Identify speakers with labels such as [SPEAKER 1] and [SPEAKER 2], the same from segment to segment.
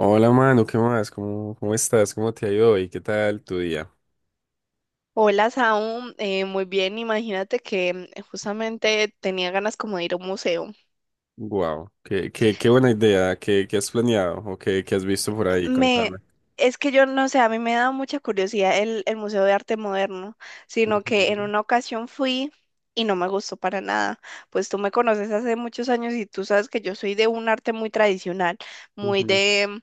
[SPEAKER 1] Hola, mano, ¿qué más? ¿Cómo estás? ¿Cómo te ha ido hoy? ¿Qué tal tu día?
[SPEAKER 2] Hola, Saúl. Muy bien, imagínate que justamente tenía ganas como de ir a un museo.
[SPEAKER 1] Wow, qué buena idea. ¿Qué has planeado o qué has visto por ahí? Contame.
[SPEAKER 2] Me, es que yo no sé, a mí me da mucha curiosidad el Museo de Arte Moderno, sino que en
[SPEAKER 1] Ujú,
[SPEAKER 2] una ocasión fui y no me gustó para nada. Pues tú me conoces hace muchos años y tú sabes que yo soy de un arte muy tradicional, muy
[SPEAKER 1] ujú,
[SPEAKER 2] de,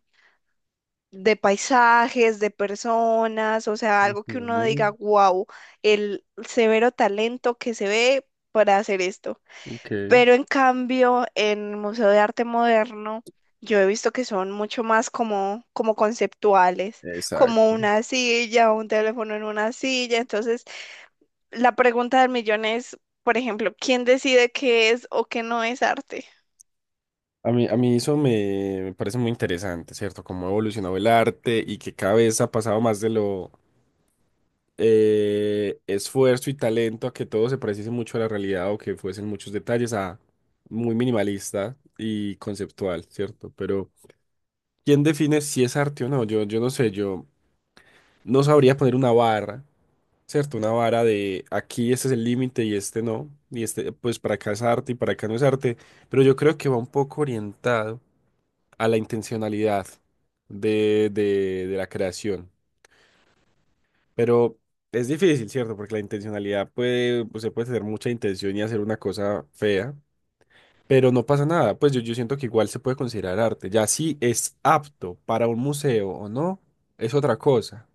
[SPEAKER 2] de paisajes, de personas, o sea, algo que uno
[SPEAKER 1] ujú.
[SPEAKER 2] diga, wow, el severo talento que se ve para hacer esto.
[SPEAKER 1] Ok,
[SPEAKER 2] Pero en cambio, en el Museo de Arte Moderno, yo he visto que son mucho más como conceptuales, como
[SPEAKER 1] exacto.
[SPEAKER 2] una silla, un teléfono en una silla. Entonces, la pregunta del millón es, por ejemplo, ¿quién decide qué es o qué no es arte?
[SPEAKER 1] A mí eso me parece muy interesante, ¿cierto? Cómo ha evolucionado el arte y que cada vez ha pasado más de lo esfuerzo y talento a que todo se pareciese mucho a la realidad o que fuesen muchos detalles a muy minimalista y conceptual, ¿cierto? Pero ¿quién define si es arte o no? Yo no sé, yo no sabría poner una barra, ¿cierto? Una vara de aquí, este es el límite y este no, y este pues para acá es arte y para acá no es arte, pero yo creo que va un poco orientado a la intencionalidad de la creación. Pero es difícil, ¿cierto? Porque la intencionalidad puede, pues se puede tener mucha intención y hacer una cosa fea, pero no pasa nada, pues yo siento que igual se puede considerar arte. Ya si es apto para un museo o no, es otra cosa.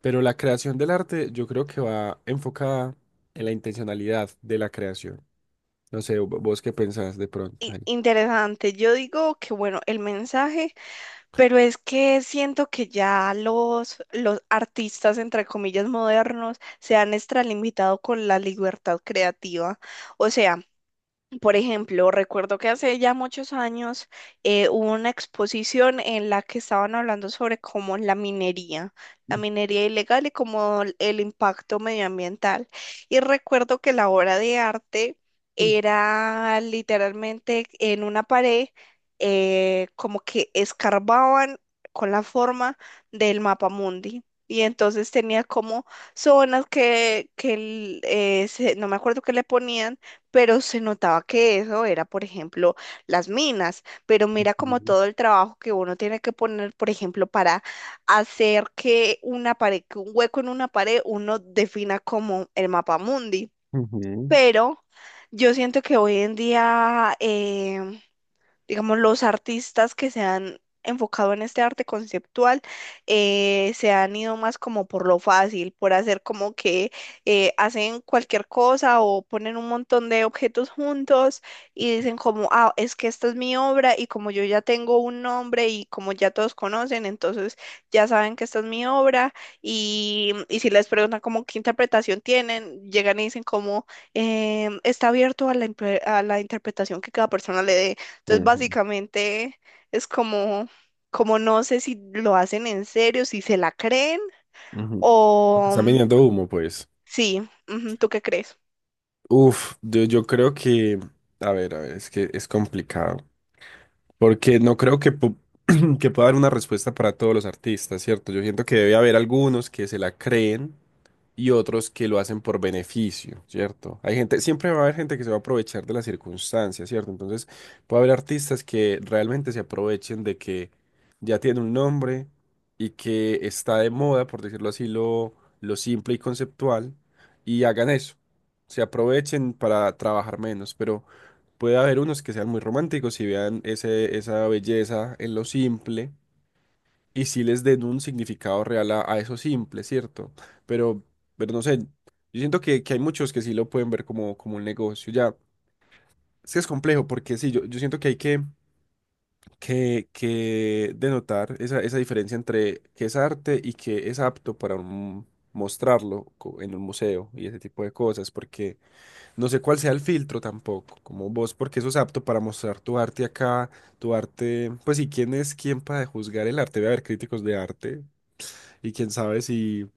[SPEAKER 1] Pero la creación del arte yo creo que va enfocada en la intencionalidad de la creación. No sé, vos qué pensás de pronto ahí.
[SPEAKER 2] Interesante. Yo digo que, bueno, el mensaje, pero es que siento que ya los artistas, entre comillas, modernos, se han extralimitado con la libertad creativa. O sea, por ejemplo, recuerdo que hace ya muchos años hubo una exposición en la que estaban hablando sobre cómo la minería ilegal y cómo el impacto medioambiental. Y recuerdo que la obra de arte era literalmente en una pared, como que escarbaban con la forma del mapa mundi. Y entonces tenía como zonas que no me acuerdo qué le ponían, pero se notaba que eso era, por ejemplo, las minas, pero mira como
[SPEAKER 1] Ujú,
[SPEAKER 2] todo el trabajo que uno tiene que poner, por ejemplo, para hacer que una pared, que un hueco en una pared, uno defina como el mapa mundi,
[SPEAKER 1] ujú,
[SPEAKER 2] pero yo siento que hoy en día digamos, los artistas que se han enfocado en este arte conceptual se han ido más como por lo fácil, por hacer como que hacen cualquier cosa o ponen un montón de objetos juntos y dicen como, ah, es que esta es mi obra y como yo ya tengo un nombre y como ya todos conocen, entonces ya saben que esta es mi obra y si les preguntan como qué interpretación tienen, llegan y dicen como, está abierto a la interpretación que cada persona le dé. Entonces,
[SPEAKER 1] ujú,
[SPEAKER 2] básicamente es como, como no sé si lo hacen en serio, si se la creen
[SPEAKER 1] ujú. O te
[SPEAKER 2] o
[SPEAKER 1] están vendiendo humo, pues.
[SPEAKER 2] sí, ujú, ¿tú qué crees?
[SPEAKER 1] Uf, yo creo que, a ver, es que es complicado. Porque no creo que, que pueda haber una respuesta para todos los artistas, ¿cierto? Yo siento que debe haber algunos que se la creen y otros que lo hacen por beneficio, ¿cierto? Hay gente, siempre va a haber gente que se va a aprovechar de las circunstancias, ¿cierto? Entonces, puede haber artistas que realmente se aprovechen de que ya tiene un nombre y que está de moda, por decirlo así, lo simple y conceptual, y hagan eso. Se aprovechen para trabajar menos, pero... Puede haber unos que sean muy románticos y vean esa belleza en lo simple y sí les den un significado real a eso simple, ¿cierto? Pero, pero no sé, yo siento que hay muchos que sí lo pueden ver como, como un negocio. Ya, es que es complejo porque sí, yo siento que hay que, que denotar esa diferencia entre qué es arte y qué es apto para mostrarlo en un museo y ese tipo de cosas, porque... No sé cuál sea el filtro tampoco, como vos, porque eso es apto para mostrar tu arte acá, tu arte, pues sí, quién es quién para juzgar el arte, debe haber críticos de arte y quién sabe si,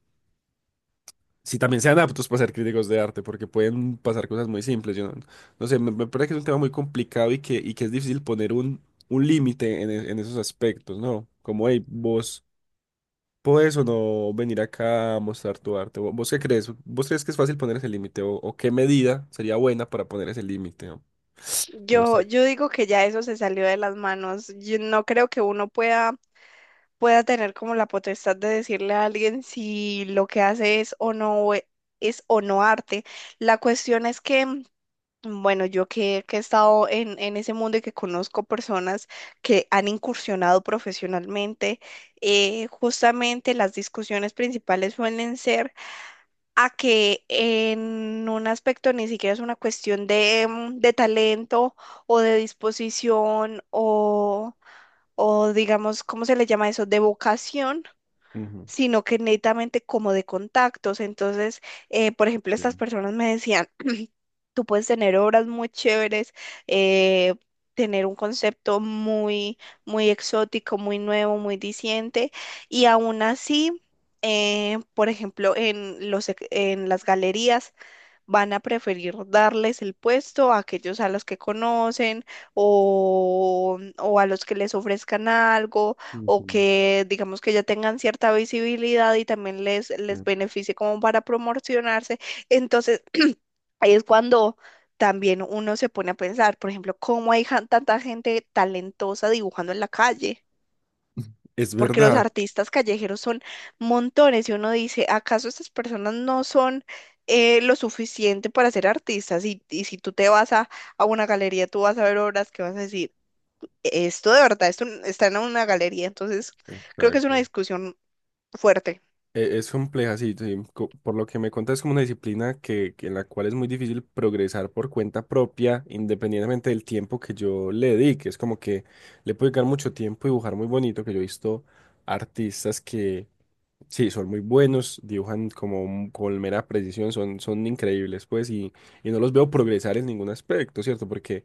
[SPEAKER 1] si también sean aptos para ser críticos de arte, porque pueden pasar cosas muy simples, yo no, no sé, me parece que es un tema muy complicado y que es difícil poner un límite en, en esos aspectos, ¿no? Como, hey, vos podés o no venir acá a mostrar tu arte. ¿Vos qué crees? ¿Vos crees que es fácil poner ese límite o qué medida sería buena para poner ese límite, ¿no? No sé.
[SPEAKER 2] Yo digo que ya eso se salió de las manos. Yo no creo que uno pueda tener como la potestad de decirle a alguien si lo que hace es o no arte. La cuestión es que, bueno, yo que he estado en ese mundo y que conozco personas que han incursionado profesionalmente, justamente las discusiones principales suelen ser a que en un aspecto ni siquiera es una cuestión de, de talento o de disposición o digamos, ¿cómo se le llama eso? De vocación,
[SPEAKER 1] Ujú.
[SPEAKER 2] sino que netamente como de contactos. Entonces, por ejemplo, estas
[SPEAKER 1] Bien.
[SPEAKER 2] personas me decían... Tú puedes tener obras muy chéveres, eh, tener un concepto muy, muy exótico, muy nuevo, muy diciente, y aún así, por ejemplo, en en las galerías van a preferir darles el puesto a aquellos a los que conocen o a los que les ofrezcan algo o
[SPEAKER 1] Ujú.
[SPEAKER 2] que digamos que ya tengan cierta visibilidad y también les
[SPEAKER 1] Eh,
[SPEAKER 2] beneficie como para promocionarse. Entonces, ahí es cuando también uno se pone a pensar, por ejemplo, cómo hay tanta gente talentosa dibujando en la calle,
[SPEAKER 1] es
[SPEAKER 2] porque los
[SPEAKER 1] verdad.
[SPEAKER 2] artistas callejeros son montones y uno dice, ¿acaso estas personas no son lo suficiente para ser artistas? Y si tú te vas a una galería, tú vas a ver obras que vas a decir, esto de verdad, está en una galería, entonces creo que es una
[SPEAKER 1] Exacto.
[SPEAKER 2] discusión fuerte.
[SPEAKER 1] Es compleja, sí, sí, por lo que me cuentas, es como una disciplina que en la cual es muy difícil progresar por cuenta propia, independientemente del tiempo que yo le dedique. Es como que le puedo dedicar mucho tiempo y dibujar muy bonito, que yo he visto artistas que sí, son muy buenos, dibujan como con mera precisión, son, son increíbles, pues, y no los veo progresar en ningún aspecto, ¿cierto? Porque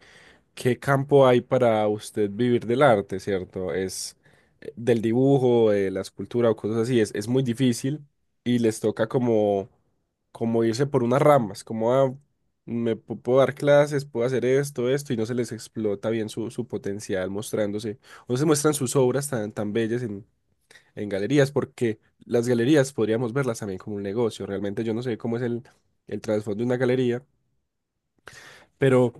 [SPEAKER 1] ¿qué campo hay para usted vivir del arte, cierto? Es del dibujo, de la escultura o cosas así. Es muy difícil y les toca como, como irse por unas ramas, como "Ah, me puedo dar clases, puedo hacer esto, esto", y no se les explota bien su, su potencial mostrándose. O se muestran sus obras tan, tan bellas en galerías, porque las galerías podríamos verlas también como un negocio. Realmente yo no sé cómo es el trasfondo de una galería, pero,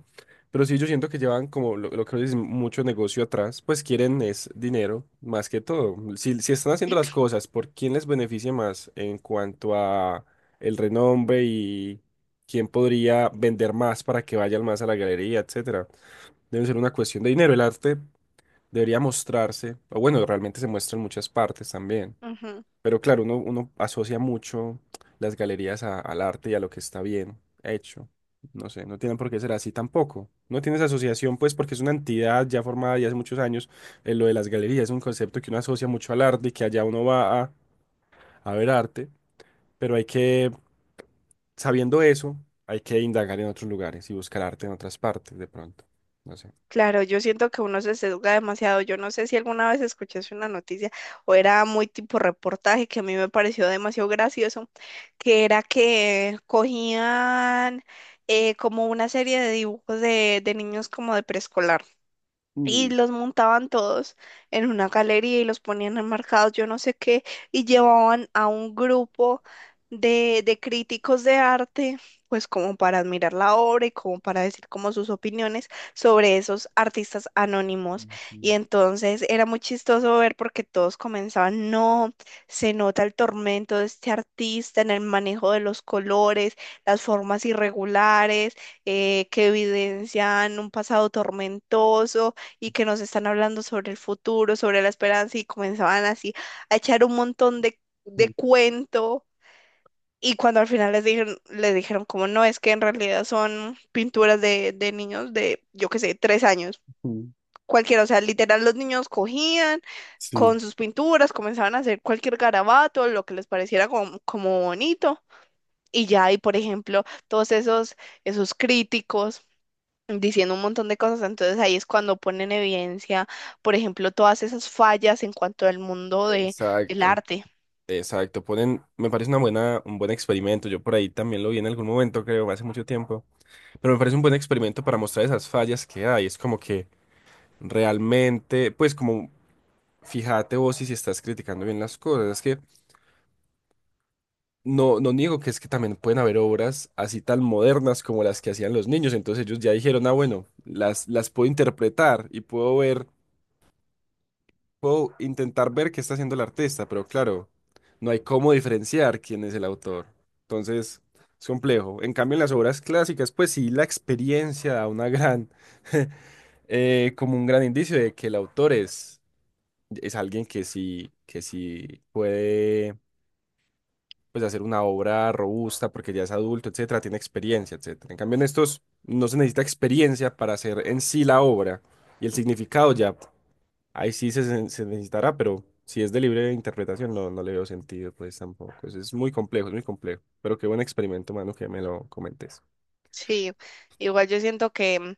[SPEAKER 1] pero sí, yo siento que llevan como lo que dicen, mucho negocio atrás, pues quieren es dinero más que todo. Si, si están haciendo las cosas, ¿por quién les beneficia más en cuanto a el renombre y quién podría vender más para que vayan más a la galería, etcétera? Debe ser una cuestión de dinero. El arte debería mostrarse, o bueno, realmente se muestra en muchas partes también. Pero claro, uno asocia mucho las galerías al arte y a lo que está bien hecho. No sé, no tienen por qué ser así tampoco. No tiene esa asociación, pues, porque es una entidad ya formada ya hace muchos años. Lo de las galerías es un concepto que uno asocia mucho al arte y que allá uno va a ver arte. Pero hay que, sabiendo eso, hay que indagar en otros lugares y buscar arte en otras partes de pronto. No sé.
[SPEAKER 2] Claro, yo siento que uno se sesga demasiado. Yo no sé si alguna vez escuchaste una noticia o era muy tipo reportaje que a mí me pareció demasiado gracioso, que era que cogían como una serie de dibujos de niños como de preescolar y los montaban todos en una galería y los ponían enmarcados, yo no sé qué, y llevaban a un grupo de críticos de arte, pues como para admirar la obra y como para decir como sus opiniones sobre esos artistas anónimos. Y entonces era muy chistoso ver porque todos comenzaban, no, se nota el tormento de este artista en el manejo de los colores, las formas irregulares, que evidencian un pasado tormentoso y que nos están hablando sobre el futuro, sobre la esperanza, y comenzaban así a echar un montón de cuento, y cuando al final les dijeron como no, es que en realidad son pinturas de niños de, yo qué sé, 3 años,
[SPEAKER 1] Ujú.
[SPEAKER 2] cualquiera, o sea, literal los niños cogían
[SPEAKER 1] Sí.
[SPEAKER 2] con sus pinturas, comenzaban a hacer cualquier garabato, lo que les pareciera como, como bonito. Y ya, y por ejemplo, todos esos críticos diciendo un montón de cosas, entonces ahí es cuando ponen en evidencia, por ejemplo, todas esas fallas en cuanto al mundo del
[SPEAKER 1] Exacto.
[SPEAKER 2] arte.
[SPEAKER 1] Exacto, ponen, me parece una buena, un buen experimento. Yo por ahí también lo vi en algún momento, creo, hace mucho tiempo. Pero me parece un buen experimento para mostrar esas fallas que hay. Es como que realmente, pues como fíjate vos si, si estás criticando bien las cosas. Es que no, no niego que es que también pueden haber obras así tan modernas como las que hacían los niños. Entonces ellos ya dijeron, ah, bueno, las puedo interpretar y puedo ver, puedo intentar ver qué está haciendo el artista, pero claro, no hay cómo diferenciar quién es el autor. Entonces, es complejo. En cambio, en las obras clásicas, pues sí, la experiencia da una gran, como un gran indicio de que el autor es alguien que sí puede, pues, hacer una obra robusta porque ya es adulto, etcétera, tiene experiencia, etcétera. En cambio, en estos no se necesita experiencia para hacer en sí la obra y el significado ya. Ahí sí necesitará, pero si es de libre interpretación, no, no le veo sentido, pues tampoco. Es muy complejo, es muy complejo. Pero qué buen experimento, mano, que me lo comentes.
[SPEAKER 2] Sí, igual yo siento que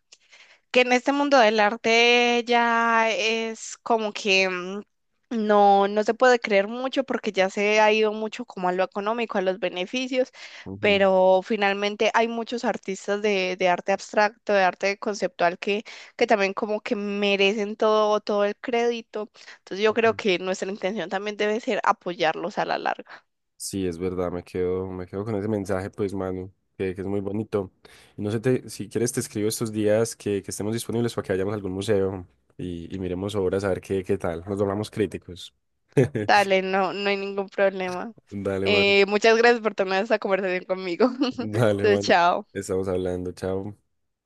[SPEAKER 2] que en este mundo del arte ya es como que no se puede creer mucho porque ya se ha ido mucho como a lo económico, a los beneficios,
[SPEAKER 1] Ujú,
[SPEAKER 2] pero finalmente hay muchos artistas de arte abstracto, de arte conceptual que también como que merecen todo, todo el crédito. Entonces yo creo
[SPEAKER 1] ujú.
[SPEAKER 2] que nuestra intención también debe ser apoyarlos a la larga.
[SPEAKER 1] Sí, es verdad, me quedo con ese mensaje, pues, mano, que es muy bonito. Y no sé, si quieres, te escribo estos días que estemos disponibles para que vayamos a algún museo y miremos obras a ver qué, qué tal. Nos volvamos críticos.
[SPEAKER 2] Dale, no, no hay ningún problema.
[SPEAKER 1] Dale, mano.
[SPEAKER 2] Muchas gracias por tomar esta conversación conmigo.
[SPEAKER 1] Dale,
[SPEAKER 2] Entonces,
[SPEAKER 1] mano.
[SPEAKER 2] chao.
[SPEAKER 1] Estamos hablando, chao.